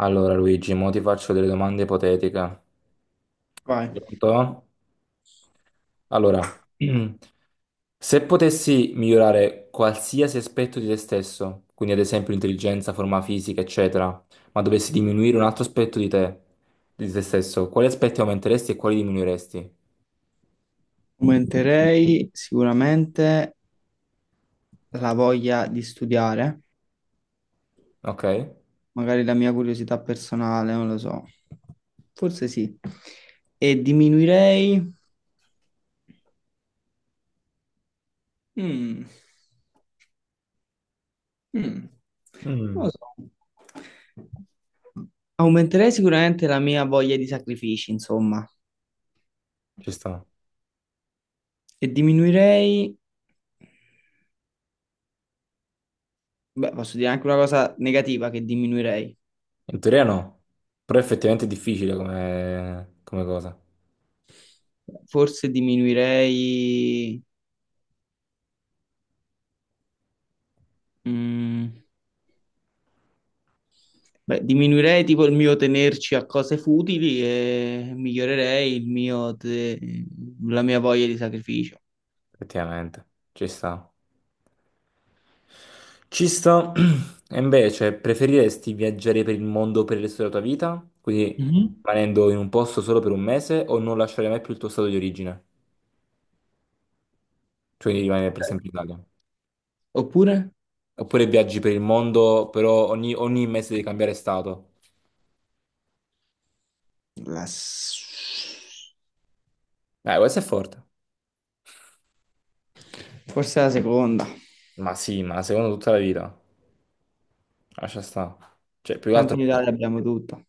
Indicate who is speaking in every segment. Speaker 1: Allora, Luigi, mo ti faccio delle domande ipotetiche.
Speaker 2: Vai.
Speaker 1: Pronto? Allora, se potessi migliorare qualsiasi aspetto di te stesso, quindi ad esempio l'intelligenza, forma fisica, eccetera, ma dovessi diminuire un altro aspetto di te stesso, quali aspetti aumenteresti e quali diminuiresti?
Speaker 2: Aumenterei sicuramente la voglia di studiare,
Speaker 1: Ok?
Speaker 2: magari la mia curiosità personale, non lo so. Forse sì. E diminuirei. Mm, mm, non lo
Speaker 1: Mm.
Speaker 2: so. Aumenterei sicuramente la mia voglia di sacrifici, insomma.
Speaker 1: Ci sta.
Speaker 2: E diminuirei. Beh, posso dire anche una cosa negativa che diminuirei.
Speaker 1: In teoria no, però effettivamente è difficile come cosa.
Speaker 2: Forse diminuirei. mm, Beh, diminuirei tipo il mio tenerci a cose futili e migliorerei il mio la mia voglia di sacrificio.
Speaker 1: Effettivamente, ci sta. Ci sta. E invece, cioè, preferiresti viaggiare per il mondo per il resto della tua vita? Quindi
Speaker 2: Mhm.
Speaker 1: rimanendo in un posto solo per un mese o non lasciare mai più il tuo stato di origine? Cioè di rimanere per sempre in Italia.
Speaker 2: Oppure?
Speaker 1: Oppure viaggi per il mondo, però ogni mese devi cambiare stato.
Speaker 2: La s-
Speaker 1: Questo è forte.
Speaker 2: Forse la seconda.
Speaker 1: Ma sì, ma secondo tutta la vita. Lascia sta. Cioè, più che
Speaker 2: Tanto
Speaker 1: altro.
Speaker 2: in Italia abbiamo tutto.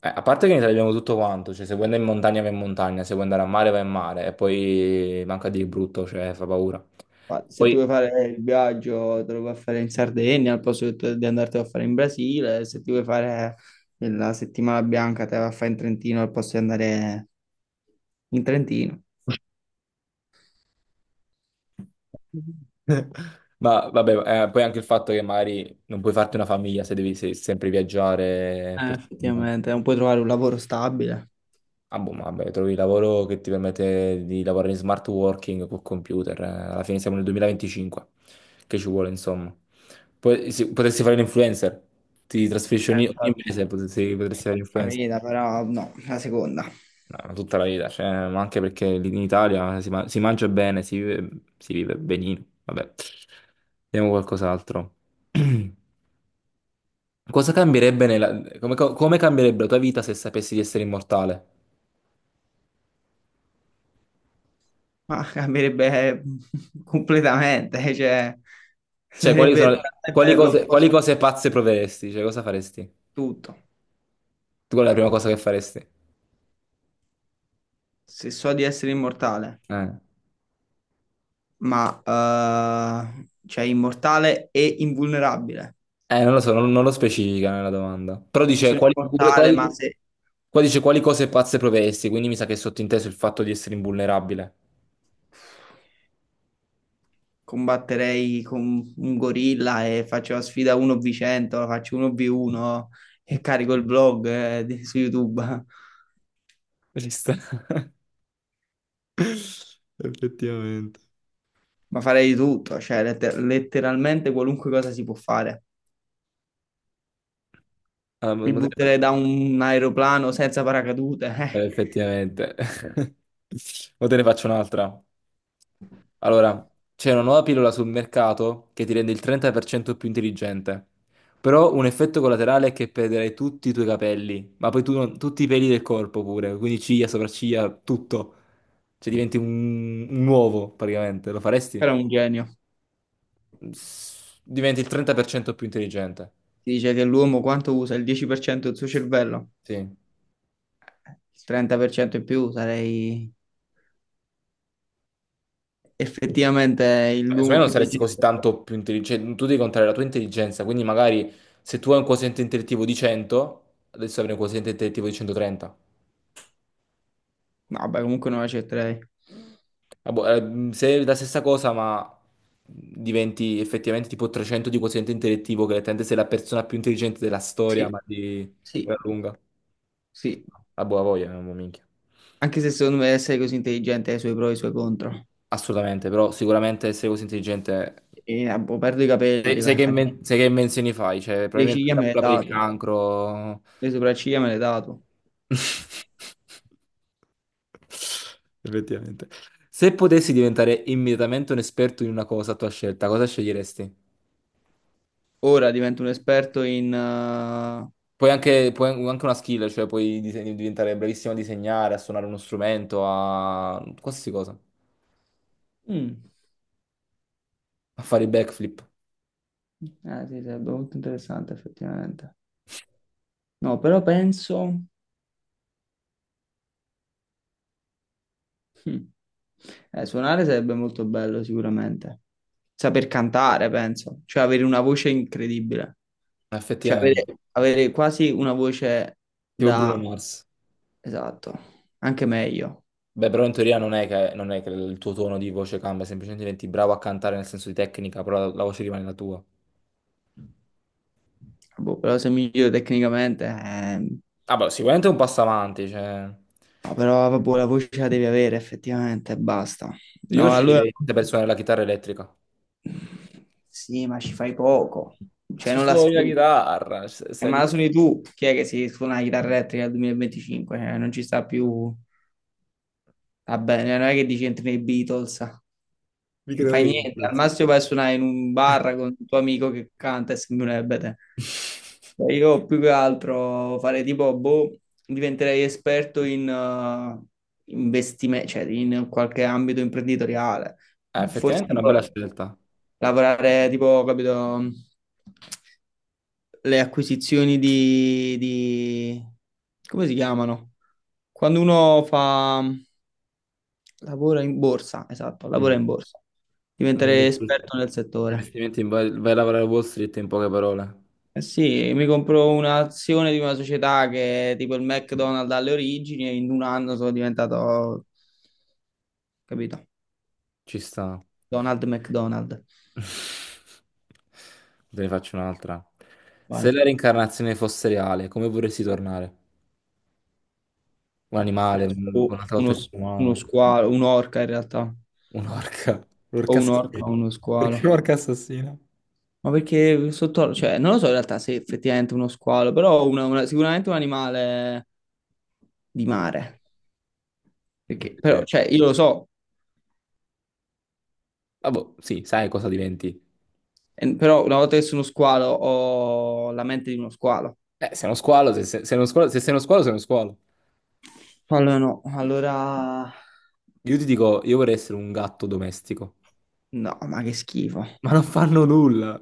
Speaker 1: Eh, a parte che in Italia abbiamo tutto quanto. Cioè, se vuoi andare in montagna vai in montagna, se vuoi andare a mare vai in mare. E poi manca di brutto, cioè fa paura.
Speaker 2: Ma se ti
Speaker 1: Poi.
Speaker 2: vuoi fare il viaggio, te lo puoi fare in Sardegna, al posto che tu- di andartelo a fare in Brasile. Se ti vuoi fare la settimana bianca, te la fai in Trentino, al posto di andare in Trentino.
Speaker 1: Ma vabbè, poi anche il fatto che magari non puoi farti una famiglia se devi sempre viaggiare per tutto il mondo.
Speaker 2: Effettivamente, non puoi trovare un lavoro stabile.
Speaker 1: Ah, boh, ma vabbè, trovi il lavoro che ti permette di lavorare in smart working col computer. Eh. Alla fine siamo nel 2025, che ci vuole, insomma. Poi sì, potresti fare l'influencer, ti trasferisci ogni
Speaker 2: Infatti,
Speaker 1: mese, potresti fare l'influencer.
Speaker 2: capita, però no, la seconda.
Speaker 1: No, ma tutta la vita, cioè, ma anche perché lì in Italia si mangia bene, si vive benino. Vabbè, vediamo qualcos'altro. Cosa cambierebbe nella. Come cambierebbe la tua vita se sapessi di essere immortale?
Speaker 2: Ma cambierebbe completamente, cioè
Speaker 1: Cioè, quali sono
Speaker 2: sarebbe
Speaker 1: quali
Speaker 2: totalmente
Speaker 1: cose, quali
Speaker 2: l'opposto
Speaker 1: cose pazze proveresti? Cioè, cosa faresti?
Speaker 2: di tutto.
Speaker 1: Tu Qual è la prima cosa che faresti?
Speaker 2: Se so di essere immortale,
Speaker 1: Eh,
Speaker 2: cioè immortale e invulnerabile.
Speaker 1: Eh, non lo so, non lo specifica nella domanda. Però dice
Speaker 2: Sono immortale, ma
Speaker 1: quali-
Speaker 2: se
Speaker 1: qua dice quali cose pazze proveresti, quindi mi sa che è sottinteso il fatto di essere invulnerabile.
Speaker 2: combatterei con un gorilla e faccio la sfida 1v100, faccio 1v1 e carico il vlog su YouTube.
Speaker 1: Ci sta. Effettivamente.
Speaker 2: Ma farei di tutto, cioè letteralmente qualunque cosa si può fare.
Speaker 1: Ah,
Speaker 2: Mi
Speaker 1: ma te ne
Speaker 2: butterei
Speaker 1: faccio.
Speaker 2: da un aeroplano senza paracadute.
Speaker 1: Eh, effettivamente. O te ne faccio un'altra. Allora, c'è una nuova pillola sul mercato che ti rende il 30% più intelligente. Però un effetto collaterale è che perderai tutti i tuoi capelli, ma poi tu non- tutti i peli del corpo pure, quindi ciglia, sopracciglia, tutto. Cioè diventi un uovo praticamente, lo faresti?
Speaker 2: Però è un genio.
Speaker 1: S- Diventi il 30% più intelligente.
Speaker 2: Si dice che l'uomo quanto usa? Il 10% del suo cervello?
Speaker 1: Sì.
Speaker 2: Il 30% in più sarei effettivamente
Speaker 1: Secondo me
Speaker 2: l'uomo
Speaker 1: non
Speaker 2: più
Speaker 1: saresti così
Speaker 2: intelligente.
Speaker 1: tanto più intelligente, tu devi contare la tua intelligenza, quindi magari se tu hai un quoziente intellettivo di 100, adesso avrai un quoziente intellettivo di 130.
Speaker 2: No, vabbè, comunque non accetterei.
Speaker 1: Ah, boh, se è la stessa cosa, ma diventi effettivamente tipo 300 di quoziente intellettivo, che letteralmente sei la persona più intelligente della storia,
Speaker 2: Sì,
Speaker 1: ma di gran
Speaker 2: sì,
Speaker 1: lunga.
Speaker 2: sì.
Speaker 1: A buona voglia, non mo minchia.
Speaker 2: Anche se secondo me essere così intelligente ha i suoi pro e i suoi contro.
Speaker 1: Assolutamente, però sicuramente essere così intelligente.
Speaker 2: E, ah, boh, perdo i
Speaker 1: Sai,
Speaker 2: capelli,
Speaker 1: sai
Speaker 2: va,
Speaker 1: che,
Speaker 2: fa niente.
Speaker 1: inven- sai che invenzioni fai? Cioè,
Speaker 2: Le
Speaker 1: probabilmente
Speaker 2: ciglia
Speaker 1: la
Speaker 2: me le
Speaker 1: cura per il
Speaker 2: dato,
Speaker 1: cancro.
Speaker 2: le sopracciglia me le dato.
Speaker 1: Effettivamente. Se potessi diventare immediatamente un esperto in una cosa a tua scelta, cosa sceglieresti?
Speaker 2: Ora divento un esperto in.
Speaker 1: Puoi anche una skill, cioè puoi diventare bravissimo a disegnare, a suonare uno strumento, a qualsiasi cosa,
Speaker 2: Mm,
Speaker 1: a fare i backflip,
Speaker 2: sì, sarebbe molto interessante effettivamente. No, però penso. hm, Suonare sarebbe molto bello sicuramente. Saper cantare, penso. Cioè avere una voce incredibile. Cioè avere,
Speaker 1: effettivamente.
Speaker 2: avere quasi una voce
Speaker 1: Tipo Bruno
Speaker 2: da.
Speaker 1: Mars.
Speaker 2: Esatto, anche meglio.
Speaker 1: Beh, però in teoria non è che, non è che il tuo tono di voce cambia, semplicemente diventi bravo a cantare nel senso di tecnica, però la voce rimane la tua.
Speaker 2: Boh, però se migliore tecnicamente.
Speaker 1: Ah, beh, sicuramente è un passo avanti, cioè.
Speaker 2: No, però vabbè, la voce la devi avere effettivamente e basta.
Speaker 1: Io
Speaker 2: No, allora.
Speaker 1: sceglierei per suonare la chitarra elettrica.
Speaker 2: Sì, ma ci fai poco,
Speaker 1: Ma
Speaker 2: cioè
Speaker 1: ci
Speaker 2: non la
Speaker 1: suoni la
Speaker 2: sfrutti.
Speaker 1: chitarra, sei
Speaker 2: Ma
Speaker 1: lì.
Speaker 2: la suoni tu, chi è che si suona la chitarra elettrica nel 2025? Cioè, non ci sta più, va bene, non è che dici entri nei Beatles, non
Speaker 1: Mi creo
Speaker 2: fai
Speaker 1: io.
Speaker 2: niente, al massimo vai a suonare in un bar con il tuo amico che canta e sembra un ebete. Cioè, io più che altro farei tipo, boh, diventerei esperto in investimento, cioè in qualche ambito imprenditoriale, forse
Speaker 1: Effettivamente è una bella
Speaker 2: tipo
Speaker 1: scelta.
Speaker 2: lavorare tipo, capito, le acquisizioni di, come si chiamano? Quando uno fa, lavora in borsa, esatto, lavora in borsa,
Speaker 1: Mm.
Speaker 2: diventare esperto nel settore.
Speaker 1: Investimenti vai a lavorare a Wall Street in poche parole.
Speaker 2: Eh sì, mi compro un'azione di una società che è tipo il McDonald's alle origini e in un anno sono diventato, capito?
Speaker 1: Ci sta.
Speaker 2: Donald McDonald.
Speaker 1: Te ne faccio un'altra.
Speaker 2: Vai.
Speaker 1: Se la reincarnazione fosse reale, come vorresti tornare? Un animale, un
Speaker 2: Penso
Speaker 1: altro
Speaker 2: uno,
Speaker 1: essere
Speaker 2: uno
Speaker 1: umano,
Speaker 2: squalo, un'orca in realtà,
Speaker 1: un'orca,
Speaker 2: o
Speaker 1: un'orca
Speaker 2: un'orca o
Speaker 1: assassina.
Speaker 2: uno squalo.
Speaker 1: Perché un'orca assassina?
Speaker 2: Ma perché sotto, cioè, non lo so in realtà se effettivamente uno squalo, però sicuramente un animale di mare. Perché, però,
Speaker 1: Effettivamente.
Speaker 2: cioè, io lo so,
Speaker 1: Ah, boh, sì, sai cosa diventi.
Speaker 2: però una volta che sono squalo ho la mente di uno squalo.
Speaker 1: Sei uno squalo, sei uno squalo, se sei uno squalo, sei uno squalo.
Speaker 2: Allora no, allora.
Speaker 1: Io ti dico, io vorrei essere un gatto domestico.
Speaker 2: No, ma che schifo.
Speaker 1: Ma non fanno nulla.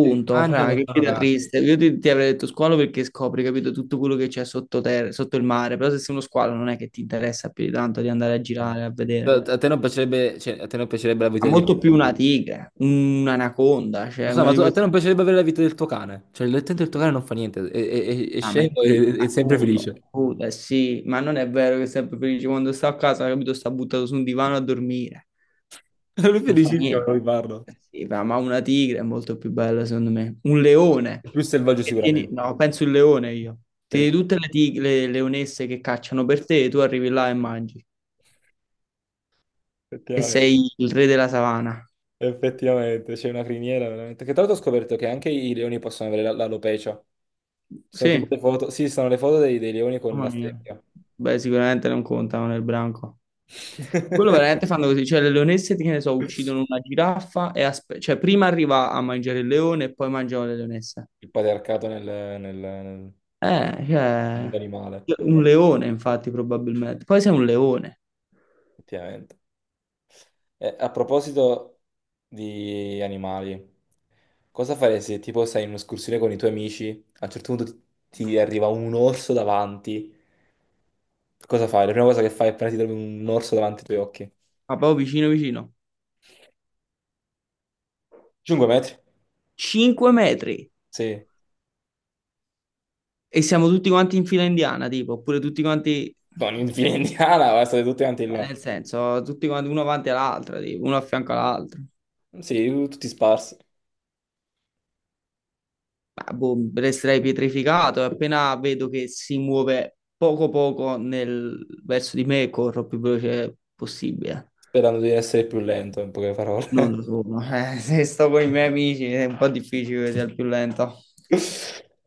Speaker 1: E mangiano
Speaker 2: fra,
Speaker 1: e
Speaker 2: che
Speaker 1: fanno
Speaker 2: vita
Speaker 1: cazzo.
Speaker 2: triste. Io ti, ti avrei detto squalo perché scopri, capito, tutto quello che c'è sotto terra, sotto il mare, però se sei uno squalo non è che ti interessa più di tanto di andare a girare,
Speaker 1: Sì.
Speaker 2: a vedere.
Speaker 1: A te non piacerebbe, cioè, a te non piacerebbe la
Speaker 2: Ha
Speaker 1: vita di.
Speaker 2: molto più una tigre, un'anaconda, cioè
Speaker 1: Lo so,
Speaker 2: uno
Speaker 1: ma
Speaker 2: di
Speaker 1: a te
Speaker 2: questi
Speaker 1: non piacerebbe avere la vita del tuo cane. Cioè, l'attento del tuo cane non fa niente, è scemo
Speaker 2: parametri,
Speaker 1: e è sempre
Speaker 2: appunto.
Speaker 1: felice.
Speaker 2: Appunto, eh sì, ma non è vero che è sempre felice quando sta a casa, capito? Sta buttato su un divano a dormire,
Speaker 1: Lui è
Speaker 2: non fa
Speaker 1: felicissimo
Speaker 2: niente.
Speaker 1: quando mi parlo.
Speaker 2: Eh sì, ma una tigre è molto più bella, secondo me. Un leone,
Speaker 1: È più selvaggio sicuramente.
Speaker 2: no, penso il leone io. Tieni
Speaker 1: Pen-
Speaker 2: tutte le tigre, le leonesse che cacciano per te, e tu arrivi là e mangi, e
Speaker 1: Effettivamente,
Speaker 2: sei il re della savana.
Speaker 1: effettivamente, c'è una criniera veramente. Che tra l'altro ho scoperto che anche i leoni possono avere l'alopecia. Sono tipo
Speaker 2: Sì.
Speaker 1: le foto, sì, sono le foto dei leoni con
Speaker 2: Mamma
Speaker 1: la
Speaker 2: mia.
Speaker 1: strepia.
Speaker 2: Beh, sicuramente non contano nel branco. Quello veramente fanno così, cioè le leonesse, che ne so, uccidono una giraffa e cioè prima arriva a mangiare il leone e poi mangiano le leonesse.
Speaker 1: Il patriarcato nel
Speaker 2: Eh,
Speaker 1: mondo animale,
Speaker 2: cioè, un leone infatti probabilmente. Poi sei un leone,
Speaker 1: effettivamente. A proposito di animali, cosa faresti se tipo sei in un'escursione con i tuoi amici, a un certo punto ti arriva un orso davanti, cosa fai? La prima cosa che fai appena ti trovi un orso davanti ai tuoi occhi?
Speaker 2: ma proprio vicino vicino.
Speaker 1: 5 metri?
Speaker 2: 5 metri
Speaker 1: Sì.
Speaker 2: e siamo tutti quanti in fila indiana, tipo, oppure tutti quanti,
Speaker 1: Non in fila indiana, ma state tutti quanti là.
Speaker 2: nel senso, tutti quanti uno avanti all'altro, tipo, uno a fianco all'altro.
Speaker 1: Sì, tutti sparsi,
Speaker 2: Ma, boh, resterei pietrificato e appena vedo che si muove poco poco verso di me, corro più veloce possibile.
Speaker 1: sperando di essere più lento, in poche
Speaker 2: Non
Speaker 1: parole.
Speaker 2: lo so, se sto con i miei amici è un po' difficile che sia il più lento.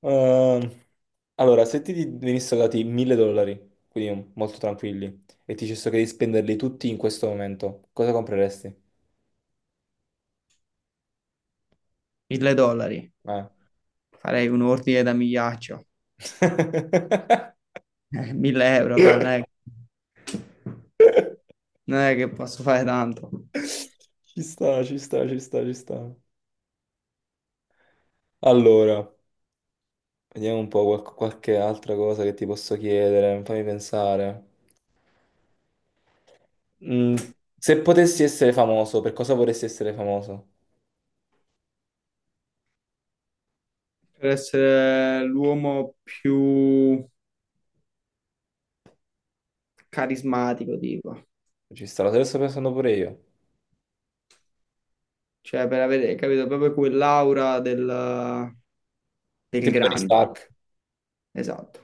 Speaker 1: Ehm, allora, se ti venissero dati 1000 dollari, quindi molto tranquilli, e ti dicessero che devi spenderli tutti in questo momento, cosa compreresti?
Speaker 2: 1.000 dollari,
Speaker 1: Eh.
Speaker 2: farei un ordine da migliaccio. 1.000 euro, fra, non è che posso fare tanto.
Speaker 1: Ci sta, ci sta, ci sta, ci sta. Allora, vediamo un po' qualche altra cosa che ti posso chiedere, fammi pensare. Mm, se potessi essere famoso, per cosa vorresti essere famoso?
Speaker 2: Per essere l'uomo più carismatico, tipo.
Speaker 1: Ci sta, lo sto pensando pure io.
Speaker 2: Cioè, per avere, capito, proprio quell'aura del. Del
Speaker 1: Tipo Tony
Speaker 2: grande,
Speaker 1: Stark.
Speaker 2: esatto.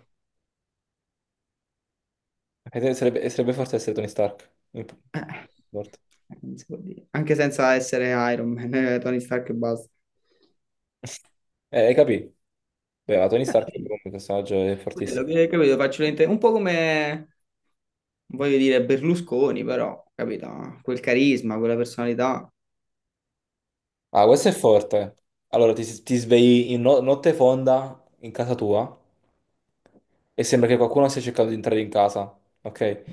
Speaker 1: E sarebbe forse essere Tony Stark.
Speaker 2: Eh,
Speaker 1: Forte.
Speaker 2: non si può dire. Anche senza essere Iron Man, Tony Stark e basta.
Speaker 1: Hai capito? Beh, ma Tony Stark è
Speaker 2: Sì,
Speaker 1: proprio un personaggio è
Speaker 2: quello
Speaker 1: fortissimo.
Speaker 2: che capito, un po' come, voglio dire, Berlusconi, però, capito? Quel carisma, quella personalità.
Speaker 1: Ah, questo è forte. Allora, ti svegli in notte fonda in casa tua e sembra che qualcuno stia cercando di entrare in casa, ok?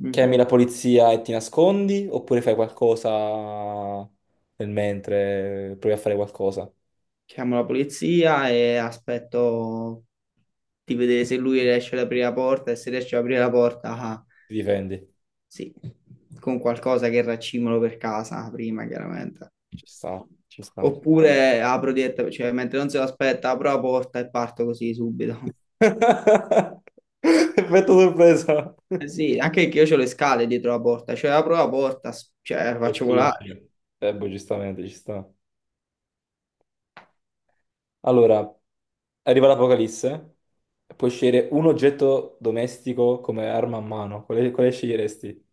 Speaker 2: Mm.
Speaker 1: Chiami la polizia e ti nascondi oppure fai qualcosa nel mentre, provi a fare qualcosa,
Speaker 2: Chiamo la polizia e aspetto di vedere se lui riesce ad aprire la porta, e se riesce ad aprire la porta, ah,
Speaker 1: ti difendi.
Speaker 2: sì, con qualcosa che raccimolo per casa prima, chiaramente.
Speaker 1: Ci sta, ci sta.
Speaker 2: Oppure apro direttamente, cioè mentre non se lo aspetta, apro la porta e parto così subito.
Speaker 1: Effetto sorpresa.
Speaker 2: Eh sì, anche che io ho le scale dietro la porta, cioè apro la porta, cioè la
Speaker 1: Le
Speaker 2: faccio
Speaker 1: spingi.
Speaker 2: volare.
Speaker 1: Boh, giustamente, ci sta. Allora, arriva l'Apocalisse, puoi scegliere un oggetto domestico come arma a mano. Quale sceglieresti?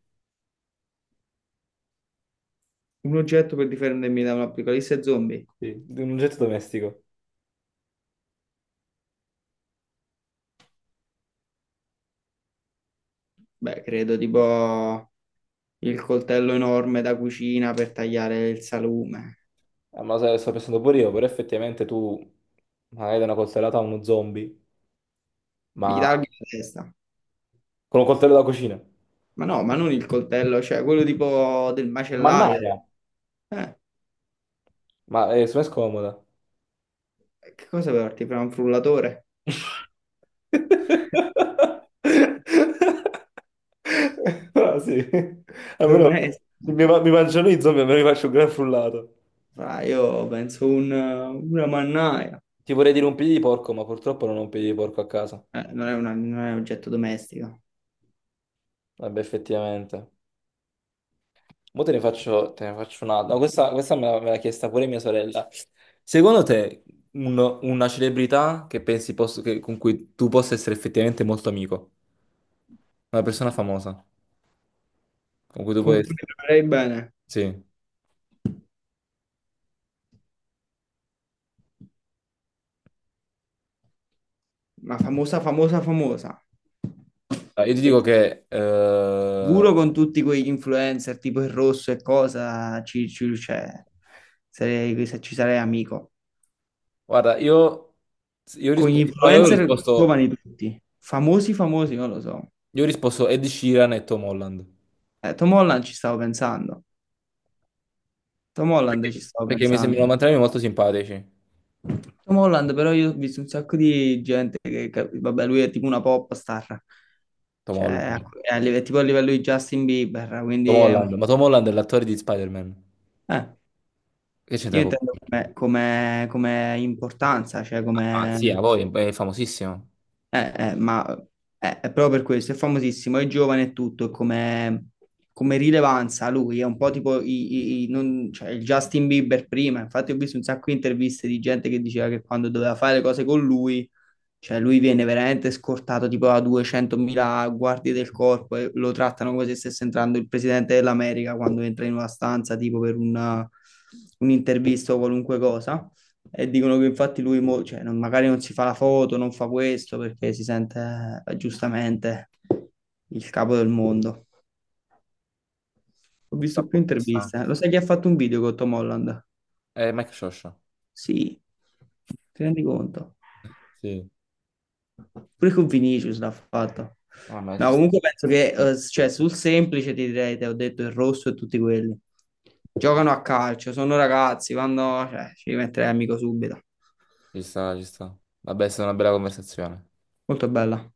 Speaker 2: Un oggetto per difendermi da un'apocalisse zombie?
Speaker 1: Sì, un oggetto domestico.
Speaker 2: Beh, credo tipo il coltello enorme da cucina per tagliare il salume.
Speaker 1: Ah, ma lo sai, lo sto pensando pure io, però effettivamente tu magari dai una coltellata a uno zombie,
Speaker 2: Mi
Speaker 1: ma
Speaker 2: taglio la testa.
Speaker 1: con un coltello da cucina.
Speaker 2: Ma no, ma non il coltello, cioè quello tipo del macellaio.
Speaker 1: Mannaia,
Speaker 2: Eh,
Speaker 1: ma è me è scomoda.
Speaker 2: che cosa porti? Fra un frullatore?
Speaker 1: Ah, sì, almeno mi,
Speaker 2: Domestico.
Speaker 1: mi mangiano i zombie, almeno mi faccio un gran frullato.
Speaker 2: Fra, io penso una mannaia.
Speaker 1: Ti vorrei dire un piede di porco, ma purtroppo non ho un piede di porco a casa.
Speaker 2: Non è un oggetto domestico.
Speaker 1: Vabbè, effettivamente. Mo te ne faccio un'altra. No, questa me l'ha chiesta pure mia sorella. Secondo te, una celebrità che pensi con cui tu possa essere effettivamente molto amico? Una persona famosa con cui tu puoi
Speaker 2: Comunque
Speaker 1: essere.
Speaker 2: lavorerei bene,
Speaker 1: Sì.
Speaker 2: ma famosa, famosa, famosa.
Speaker 1: Ah, io ti dico
Speaker 2: Perché
Speaker 1: che. Eh,
Speaker 2: sicuro con tutti quegli influencer tipo il rosso e cosa, cioè, sarei, se ci sarei amico.
Speaker 1: guarda, io. Io ho
Speaker 2: Con gli
Speaker 1: risposto. No, io ho
Speaker 2: influencer
Speaker 1: risposto.
Speaker 2: giovani tutti, famosi, famosi, non lo so.
Speaker 1: Io ho risposto Ed Sheeran e Tom Holland.
Speaker 2: Tom Holland ci stavo pensando, Tom Holland ci
Speaker 1: Perché,
Speaker 2: stavo
Speaker 1: perché mi
Speaker 2: pensando.
Speaker 1: sembrano entrambi molto simpatici,
Speaker 2: Tom Holland però io ho visto un sacco di gente vabbè, lui è tipo una pop star.
Speaker 1: Tom
Speaker 2: Cioè,
Speaker 1: Holland.
Speaker 2: è tipo a livello di Justin Bieber,
Speaker 1: Tom
Speaker 2: quindi è
Speaker 1: Holland,
Speaker 2: un po'.
Speaker 1: ma Tom Holland è l'attore di Spider-Man.
Speaker 2: Eh,
Speaker 1: Che c'entra
Speaker 2: io
Speaker 1: poco?
Speaker 2: intendo come, come importanza, cioè
Speaker 1: Ah, sì, a
Speaker 2: come.
Speaker 1: voi, è famosissimo.
Speaker 2: eh, eh, ma è proprio per questo, è famosissimo, è giovane e tutto, e come, come rilevanza lui, è un po' tipo cioè, il Justin Bieber prima, infatti ho visto un sacco di interviste di gente che diceva che quando doveva fare le cose con lui. Cioè, lui viene veramente scortato tipo a 200.000 guardie del corpo e lo trattano come se stesse entrando il presidente dell'America quando entra in una stanza tipo per un'intervista o qualunque cosa. E dicono che infatti cioè, magari non si fa la foto, non fa questo perché si sente giustamente il capo del mondo. Ho visto più
Speaker 1: Ci sta.
Speaker 2: interviste. Lo sai chi ha fatto un video con Tom Holland?
Speaker 1: È Mike Scioscia.
Speaker 2: Sì, ti rendi conto?
Speaker 1: Sì.
Speaker 2: Pure con Vinicius l'ha fatta.
Speaker 1: Ah, ma ci
Speaker 2: No,
Speaker 1: sta,
Speaker 2: comunque penso che cioè, sul semplice ti direi, te ho detto il rosso e tutti quelli. Giocano a calcio, sono ragazzi, vanno, cioè, ci metterei amico subito.
Speaker 1: ci sta, ci sta. Vabbè, è stata una bella conversazione.
Speaker 2: Molto bella.